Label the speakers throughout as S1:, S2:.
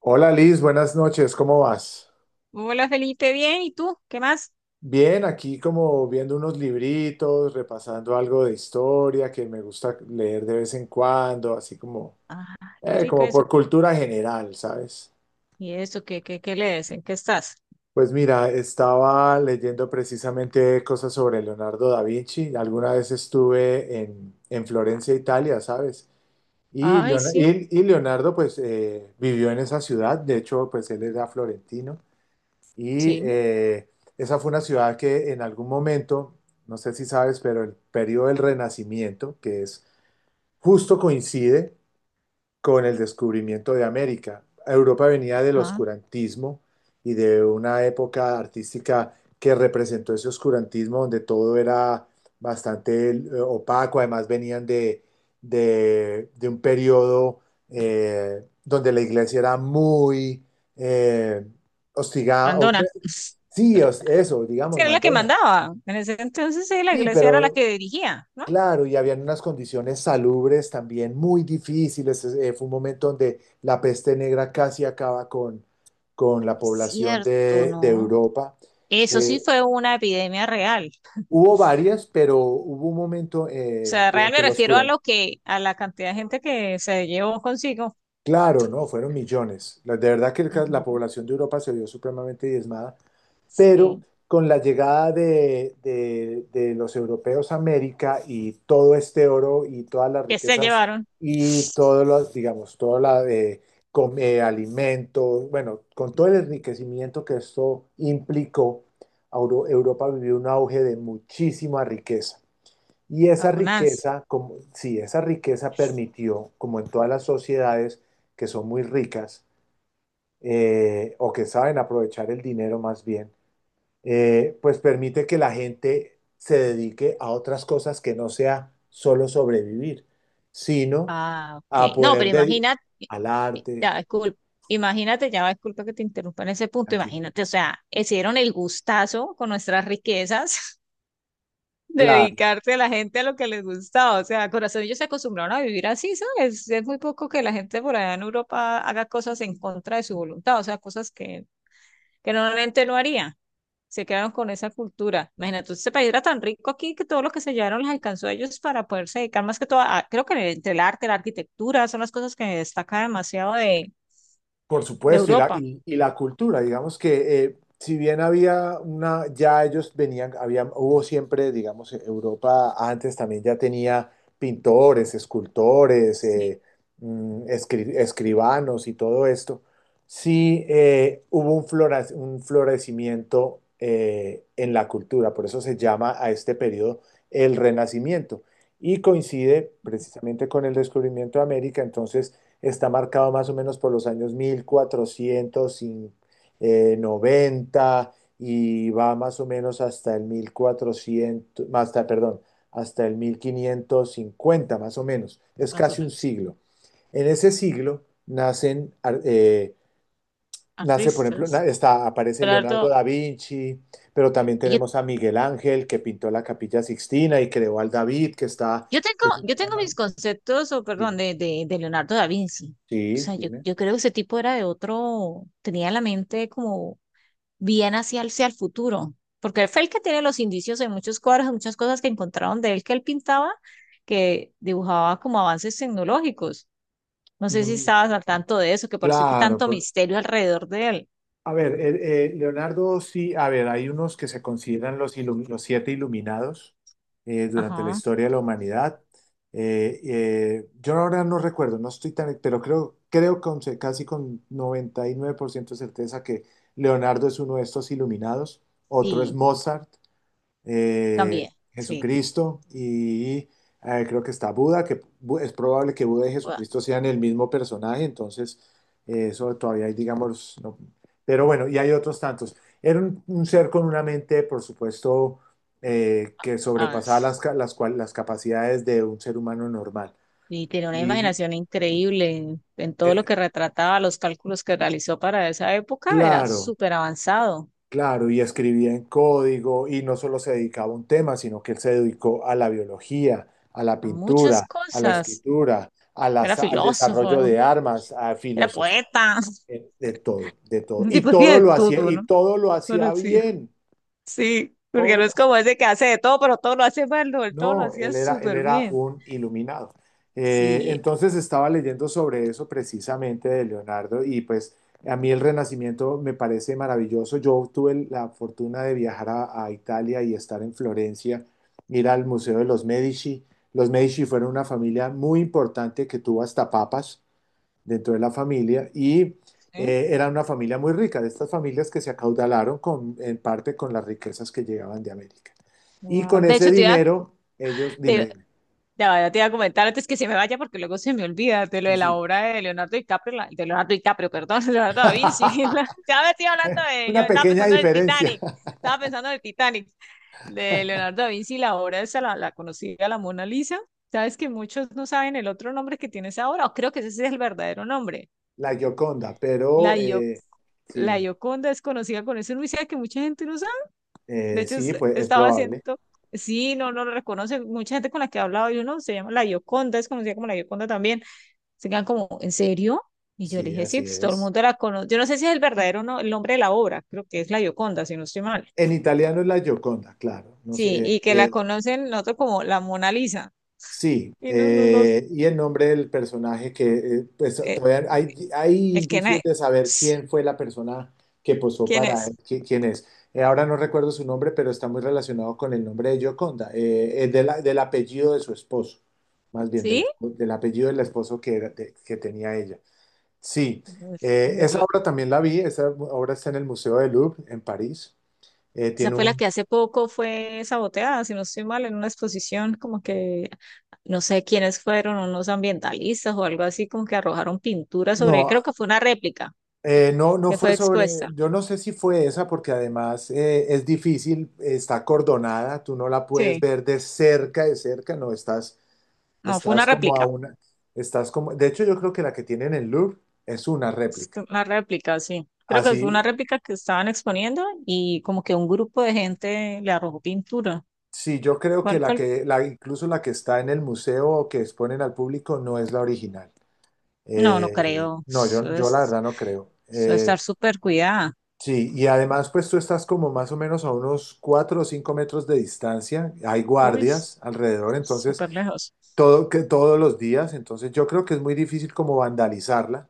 S1: Hola Liz, buenas noches, ¿cómo vas?
S2: Hola Felipe, bien, ¿y tú? ¿Qué más?
S1: Bien, aquí como viendo unos libritos, repasando algo de historia que me gusta leer de vez en cuando, así como,
S2: Ah, qué rico
S1: como
S2: eso.
S1: por cultura general, ¿sabes?
S2: ¿Y eso qué lees? ¿En qué estás?
S1: Pues mira, estaba leyendo precisamente cosas sobre Leonardo da Vinci. Alguna vez estuve en Florencia, Italia, ¿sabes? Y,
S2: Ay,
S1: Leon-
S2: sí,
S1: y- y Leonardo pues vivió en esa ciudad, de hecho pues él era florentino. Y
S2: sí,
S1: esa fue una ciudad que en algún momento, no sé si sabes, pero el periodo del Renacimiento, que es justo coincide con el descubrimiento de América. Europa venía del
S2: ajá.
S1: oscurantismo y de una época artística que representó ese oscurantismo donde todo era bastante opaco, además venían de, de un periodo donde la iglesia era muy eh, hostigada.
S2: Mandona.
S1: Sí, eso,
S2: Sí,
S1: digamos,
S2: era la que
S1: Madonna.
S2: mandaba. En ese entonces sí, la
S1: Sí,
S2: iglesia era la
S1: pero
S2: que dirigía, ¿no?
S1: claro, y habían unas condiciones salubres también muy difíciles. Fue un momento donde la peste negra casi acaba con la
S2: Es
S1: población
S2: cierto,
S1: de
S2: ¿no?
S1: Europa.
S2: Eso sí
S1: Eh,
S2: fue una epidemia real.
S1: hubo varias, pero hubo un momento
S2: O sea, real me
S1: durante los
S2: refiero a
S1: oscura.
S2: lo que, a la cantidad de gente que se llevó consigo.
S1: Claro, ¿no? Fueron millones. De verdad que la
S2: Ujú.
S1: población de Europa se vio supremamente diezmada. Pero
S2: Sí.
S1: con la llegada de, de los europeos a América y todo este oro y todas las
S2: ¿Qué se
S1: riquezas
S2: llevaron?
S1: y todos los, digamos, toda la alimentos, bueno, con todo el enriquecimiento que esto implicó, Europa vivió un auge de muchísima riqueza. Y esa
S2: Abonanza.
S1: riqueza, como, sí, esa riqueza permitió, como en todas las sociedades que son muy ricas o que saben aprovechar el dinero más bien, pues permite que la gente se dedique a otras cosas que no sea solo sobrevivir, sino
S2: Ah, ok.
S1: a
S2: No,
S1: poder
S2: pero
S1: dedicar
S2: imagínate,
S1: al arte,
S2: ya, disculpa, imagínate, ya, va, disculpa que te interrumpa en ese punto,
S1: aquí,
S2: imagínate, o sea, hicieron el gustazo con nuestras riquezas,
S1: claro.
S2: dedicarse a la gente a lo que les gustaba, o sea, corazón, ellos se acostumbraron a vivir así, ¿sabes? Es muy poco que la gente por allá en Europa haga cosas en contra de su voluntad, o sea, cosas que normalmente no haría. Se quedaron con esa cultura. Imagínate, ese país era tan rico aquí que todo lo que se llevaron les alcanzó a ellos para poderse dedicar más que todo a, creo que entre el arte, la arquitectura, son las cosas que destaca demasiado de,
S1: Por
S2: de
S1: supuesto, y la,
S2: Europa.
S1: y la cultura, digamos que si bien había una, ya ellos venían, había, hubo siempre, digamos, Europa antes también ya tenía pintores, escultores,
S2: Sí,
S1: escribanos y todo esto. Sí, hubo un florecimiento en la cultura, por eso se llama a este periodo el Renacimiento, y coincide precisamente con el descubrimiento de América. Entonces está marcado más o menos por los años 1490 y va más o menos hasta el 1400 hasta, perdón, hasta el 1550 más o menos. Es
S2: más o
S1: casi un
S2: menos, sí.
S1: siglo. En ese siglo nacen, eh, nace, por ejemplo,
S2: Artistas.
S1: aparece Leonardo
S2: Leonardo,
S1: da Vinci, pero también
S2: yo,
S1: tenemos a Miguel Ángel, que pintó la Capilla Sixtina y creó al David,
S2: yo tengo,
S1: que es una
S2: yo
S1: obra
S2: tengo
S1: mar-
S2: mis conceptos, o perdón,
S1: Dime.
S2: de Leonardo da Vinci. O
S1: Sí,
S2: sea, yo,
S1: dime.
S2: yo creo que ese tipo era de otro, tenía la mente como bien hacia el futuro, porque él fue el que tiene los indicios de muchos cuadros, de muchas cosas que encontraron de él que él pintaba, que dibujaba como avances tecnológicos. No sé si
S1: Mm.
S2: estabas al tanto de eso, que por eso hay que
S1: Claro.
S2: tanto misterio alrededor de él.
S1: A ver, Leonardo, sí, a ver, hay unos que se consideran los, los siete iluminados durante la
S2: Ajá,
S1: historia de la humanidad. Yo ahora no recuerdo, no estoy tan, pero creo, casi con 99% de certeza que Leonardo es uno de estos iluminados. Otro es
S2: sí,
S1: Mozart,
S2: también, sí.
S1: Jesucristo y creo que está Buda, es probable que Buda y
S2: Ua-
S1: Jesucristo sean el mismo personaje. Entonces eso todavía hay, digamos, no- pero bueno, y hay otros tantos. Era un ser con una mente, por supuesto, que
S2: ah,
S1: sobrepasaba las,
S2: s-
S1: las capacidades de un ser humano normal.
S2: y tiene una
S1: Y
S2: imaginación increíble en todo lo
S1: eh,
S2: que retrataba, los cálculos que realizó para esa época, era
S1: claro.
S2: súper avanzado,
S1: Claro, y escribía en código y no solo se dedicaba a un tema, sino que él se dedicó a la biología, a la
S2: a muchas
S1: pintura, a la
S2: cosas.
S1: escritura,
S2: Era
S1: al desarrollo
S2: filósofo,
S1: de armas, a
S2: era
S1: filosofía,
S2: poeta.
S1: de todo, de todo.
S2: Ese
S1: Y
S2: tipo hacía
S1: todo
S2: de
S1: lo hacía,
S2: todo, ¿no?
S1: y todo lo
S2: No lo
S1: hacía
S2: hacía.
S1: bien,
S2: Sí, porque no
S1: todo.
S2: es como ese que hace de todo, pero todo lo hace mal, no, él todo lo
S1: No,
S2: hacía
S1: él era, él
S2: súper
S1: era
S2: bien.
S1: un iluminado. Eh,
S2: Sí.
S1: entonces estaba leyendo sobre eso precisamente de Leonardo y pues a mí el Renacimiento me parece maravilloso. Yo tuve la fortuna de viajar a Italia y estar en Florencia, ir al Museo de los Medici. Los Medici fueron una familia muy importante que tuvo hasta papas dentro de la familia y
S2: ¿Eh?
S1: era una familia muy rica, de estas familias que se acaudalaron en parte con las riquezas que llegaban de América. Y
S2: Wow.
S1: con
S2: De
S1: ese
S2: hecho,
S1: dinero, ellos, dime,
S2: te,
S1: dime.
S2: ya ya te iba a comentar antes que se me vaya, porque luego se me olvida de lo
S1: Sí,
S2: de la
S1: sí.
S2: obra de Leonardo DiCaprio, de Leonardo DiCaprio, perdón, Leonardo da Vinci. Ya me estoy hablando de, yo
S1: Una
S2: estaba
S1: pequeña
S2: pensando en el
S1: diferencia.
S2: Titanic, estaba pensando en el Titanic, de Leonardo da Vinci, la obra esa, la conocida, la Mona Lisa. Sabes que muchos no saben el otro nombre que tiene esa obra, o creo que ese es el verdadero nombre.
S1: La Gioconda, pero
S2: La, Gio- la
S1: sí,
S2: Gioconda es conocida con ese Luis que mucha gente no sabe. De hecho,
S1: sí, pues es
S2: estaba
S1: probable,
S2: haciendo, sí, no, no lo reconoce. Mucha gente con la que he hablado, yo no, se llama la Gioconda, es conocida como la Gioconda también. Se quedan como, ¿en serio? Y yo le
S1: sí,
S2: dije, sí,
S1: así
S2: pues todo el
S1: es.
S2: mundo la conoce. Yo no sé si es el verdadero no, el nombre de la obra, creo que es la Gioconda, si no estoy mal.
S1: En italiano es la Gioconda, claro. No
S2: Sí,
S1: sé, eh,
S2: y que la
S1: eh,
S2: conocen nosotros como la Mona Lisa.
S1: Sí,
S2: Y no, no, no,
S1: y el nombre del personaje que pues,
S2: eh,
S1: todavía hay
S2: el que na-
S1: indicios de saber quién fue la persona que posó
S2: ¿Quién
S1: para
S2: es?
S1: él, quién es. Ahora no recuerdo su nombre, pero está muy relacionado con el nombre de Gioconda, del apellido de su esposo, más bien del,
S2: ¿Sí?
S1: espo- del apellido del esposo que tenía ella. Sí, esa
S2: Bueno,
S1: obra también la vi. Esa obra está en el Museo del Louvre en París.
S2: esa
S1: Tiene
S2: fue la
S1: un...
S2: que hace poco fue saboteada, si no estoy mal, en una exposición, como que no sé quiénes fueron, unos ambientalistas o algo así, como que arrojaron pintura sobre,
S1: No.
S2: creo que fue una réplica
S1: No
S2: que
S1: fue
S2: fue
S1: sobre,
S2: expuesta.
S1: yo no sé si fue esa porque además es difícil, está acordonada, tú no la puedes
S2: Sí,
S1: ver de cerca, no, estás,
S2: no, fue
S1: estás
S2: una
S1: como a
S2: réplica,
S1: una, estás como, de hecho yo creo que la que tienen en Louvre es una
S2: es
S1: réplica.
S2: una réplica, sí. Creo que fue una
S1: Así,
S2: réplica que estaban exponiendo y como que un grupo de gente le arrojó pintura.
S1: sí, yo creo que
S2: ¿Cuál fue el-
S1: incluso la que está en el museo o que exponen al público no es la original.
S2: No, no creo.
S1: No, yo, yo la verdad no creo.
S2: Eso es estar súper cuidada.
S1: Sí, y además pues tú estás como más o menos a unos 4 o 5 metros de distancia, hay
S2: Uy, s-
S1: guardias alrededor, entonces
S2: Súper lejos.
S1: todo, que, todos los días, entonces yo creo que es muy difícil como vandalizarla,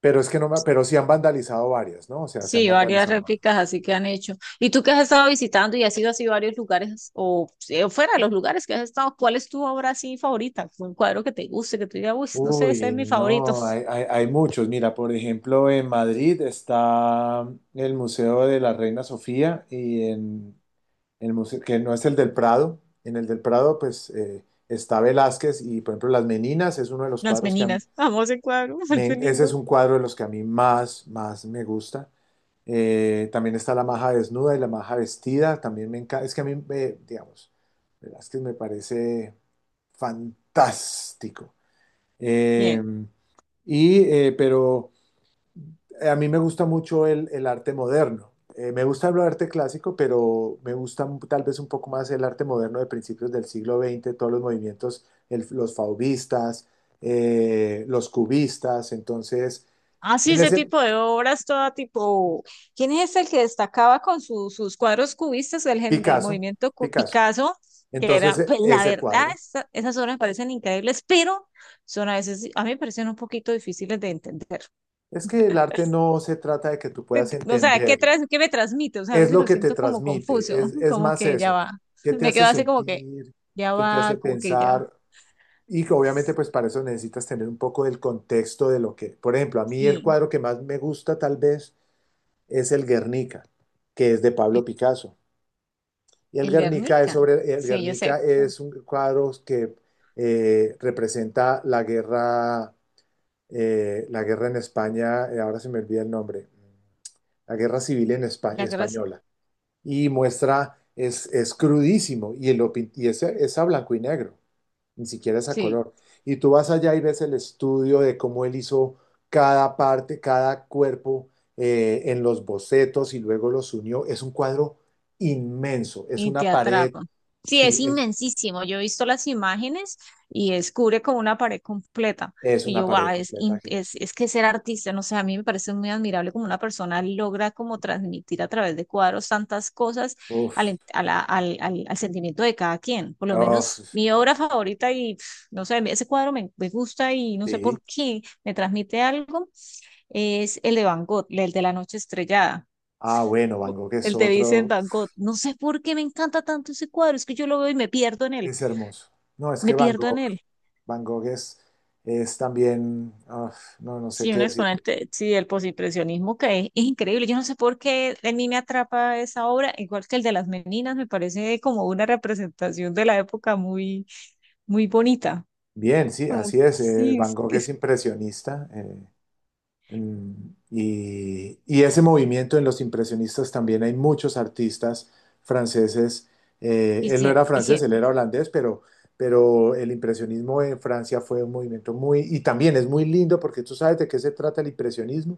S1: pero es que no me, pero sí han vandalizado varias, ¿no? O sea, se han
S2: Sí, varias
S1: vandalizado varias.
S2: réplicas así que han hecho. ¿Y tú que has estado visitando y has ido así a varios lugares o fuera de los lugares que has estado, cuál es tu obra así favorita? Un cuadro que te guste, que tú digas, uy, no sé, ese es
S1: Uy,
S2: mi favorito.
S1: no, hay, hay muchos. Mira, por ejemplo, en Madrid está el Museo de la Reina Sofía y en el museo, que no es el del Prado. En el del Prado, pues está Velázquez y, por ejemplo, Las Meninas es uno de los
S2: Las
S1: cuadros que a mí,
S2: meninas. Amo ese cuadro, me parece
S1: ese es
S2: lindo.
S1: un cuadro de los que a mí más, más me gusta. También está La Maja Desnuda y La Maja Vestida, también me encanta. Es que a mí, me, digamos, Velázquez me parece fantástico.
S2: Bien.
S1: Eh, pero a mí me gusta mucho el arte moderno. Me gusta el arte clásico, pero me gusta tal vez un poco más el arte moderno de principios del siglo XX, todos los movimientos, los fauvistas, los cubistas. Entonces,
S2: Ah, sí,
S1: en
S2: ese
S1: ese
S2: tipo de obras, todo tipo. ¿Quién es el que destacaba con sus cuadros cubistas del, del
S1: Picasso,
S2: movimiento
S1: Picasso.
S2: Picasso? Que
S1: Entonces,
S2: eran, pues la
S1: ese
S2: verdad,
S1: cuadro.
S2: esas obras me parecen increíbles, pero son a veces, a mí me parecen un poquito difíciles de entender.
S1: Es que el arte no se trata de que tú puedas
S2: O sea, ¿qué,
S1: entenderlo,
S2: qué me transmite? O sea, a
S1: es
S2: veces
S1: lo
S2: lo
S1: que te
S2: siento como
S1: transmite,
S2: confuso,
S1: es, es
S2: como
S1: más
S2: que ya
S1: eso.
S2: va.
S1: ¿Qué te
S2: Me
S1: hace
S2: quedo así como que
S1: sentir?
S2: ya
S1: ¿Qué te hace
S2: va, como que ya va.
S1: pensar? Y que obviamente pues para eso necesitas tener un poco del contexto de lo que, por ejemplo, a mí el
S2: Sí,
S1: cuadro que más me gusta tal vez es el Guernica, que es de
S2: e-
S1: Pablo Picasso. Y el
S2: el
S1: Guernica es
S2: Guernica.
S1: sobre, el
S2: Sí, yo sé.
S1: Guernica
S2: Bueno,
S1: es un cuadro que representa la guerra en España, ahora se me olvida el nombre, la guerra civil en
S2: la gracia.
S1: española. Y muestra, es crudísimo y, y es a blanco y negro, ni siquiera es a
S2: Sí.
S1: color. Y tú vas allá y ves el estudio de cómo él hizo cada parte, cada cuerpo en los bocetos y luego los unió. Es un cuadro inmenso, es
S2: Y te
S1: una pared,
S2: atrapa. Sí, es
S1: sí, es,
S2: inmensísimo. Yo he visto las imágenes y es cubre como una pared completa.
S1: es
S2: Y
S1: una
S2: yo,
S1: pared
S2: wow, es,
S1: completa gigante.
S2: es que ser artista, no sé, a mí me parece muy admirable como una persona logra como transmitir a través de cuadros tantas cosas al,
S1: Uf,
S2: al sentimiento de cada quien. Por lo
S1: uf,
S2: menos mi obra favorita y pf, no sé, ese cuadro me gusta y no sé
S1: sí.
S2: por qué me transmite algo, es el de Van Gogh, el de La Noche Estrellada.
S1: Ah, bueno, Van Gogh es
S2: El te dice en
S1: otro,
S2: Bangkok, no sé por qué me encanta tanto ese cuadro, es que yo lo veo y me pierdo en él,
S1: es hermoso. No, es que
S2: me
S1: Van
S2: pierdo
S1: Gogh,
S2: en él.
S1: Van Gogh es también, uf, no sé
S2: Sí,
S1: qué
S2: un
S1: decir.
S2: exponente, sí, del postimpresionismo que es increíble. Yo no sé por qué a mí me atrapa esa obra, igual que el de las meninas, me parece como una representación de la época muy, muy bonita.
S1: Bien, sí,
S2: Como,
S1: así es.
S2: sí,
S1: Van Gogh es
S2: es
S1: impresionista. Mm. Y ese movimiento en los impresionistas también hay muchos artistas franceses. Él no
S2: quisien-
S1: era francés,
S2: quisien-
S1: él era holandés, pero, el impresionismo en Francia fue un movimiento muy, y también es muy lindo porque tú sabes de qué se trata el impresionismo.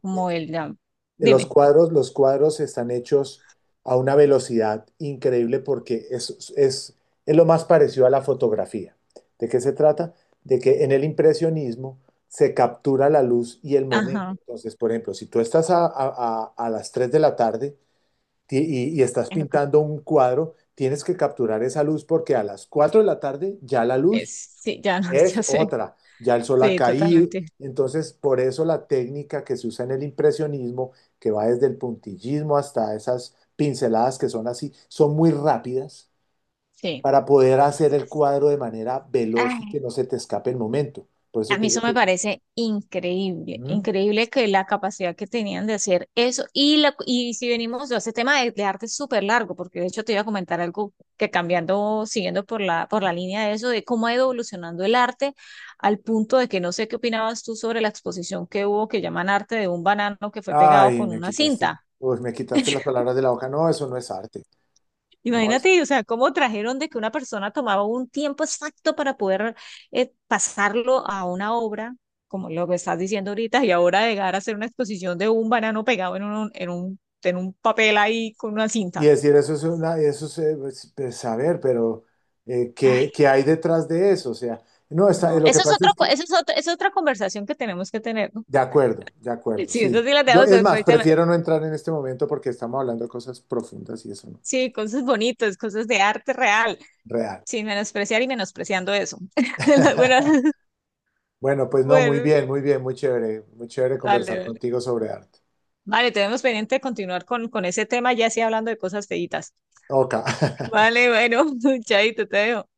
S2: como
S1: Los
S2: dime,
S1: cuadros, los cuadros están hechos a una velocidad increíble porque es lo más parecido a la fotografía. ¿De qué se trata? De que en el impresionismo se captura la luz y el momento.
S2: ajá,
S1: Entonces, por ejemplo, si tú estás a las 3 de la tarde y, y estás
S2: en lo que
S1: pintando un cuadro, tienes que capturar esa luz porque a las 4 de la tarde ya la
S2: es,
S1: luz
S2: sí, ya, no,
S1: es
S2: ya sé,
S1: otra, ya el sol ha
S2: sí,
S1: caído.
S2: totalmente,
S1: Entonces, por eso la técnica que se usa en el impresionismo, que va desde el puntillismo hasta esas pinceladas que son así, son muy rápidas
S2: sí.
S1: para poder hacer el cuadro de manera veloz y
S2: ¡Ay!
S1: que no se te escape el momento. Por eso
S2: A
S1: te
S2: mí
S1: digo
S2: eso
S1: que
S2: me
S1: es...
S2: parece increíble,
S1: ¿Mm?
S2: increíble que la capacidad que tenían de hacer eso. Y, la, y si venimos a ese tema de arte es súper largo, porque de hecho te iba a comentar algo que cambiando, siguiendo por por la línea de eso, de cómo ha ido evolucionando el arte al punto de que no sé qué opinabas tú sobre la exposición que hubo que llaman arte de un banano que fue pegado
S1: Ay,
S2: con
S1: me
S2: una
S1: quitaste,
S2: cinta.
S1: uy, me quitaste las palabras de la hoja. No, eso no es arte. No, eso.
S2: Imagínate, o sea, cómo trajeron de que una persona tomaba un tiempo exacto para poder pasarlo a una obra, como lo que estás diciendo ahorita, y ahora llegar a hacer una exposición de un banano pegado en un, en un, en un papel ahí con una
S1: Y
S2: cinta.
S1: decir eso es una, eso es, pues, saber, pero
S2: Ay,
S1: ¿qué hay detrás de eso? O sea, no, está,
S2: no,
S1: lo que
S2: eso es
S1: pasa
S2: otro,
S1: es que.
S2: eso es otro, es otra conversación que tenemos que tener, ¿no?
S1: De acuerdo,
S2: Sí, eso
S1: sí.
S2: sí la
S1: Yo,
S2: tenemos
S1: es más,
S2: después.
S1: prefiero no entrar en este momento porque estamos hablando de cosas profundas y eso no.
S2: Sí, cosas bonitas, cosas de arte real,
S1: Real.
S2: sin menospreciar y menospreciando eso. Bueno,
S1: Bueno, pues no, muy
S2: bueno,
S1: bien, muy bien, muy chévere
S2: dale,
S1: conversar
S2: dale.
S1: contigo sobre arte.
S2: Vale, tenemos pendiente de continuar con ese tema, ya sí hablando de cosas feitas.
S1: Ok.
S2: Vale, bueno, chaito, te veo.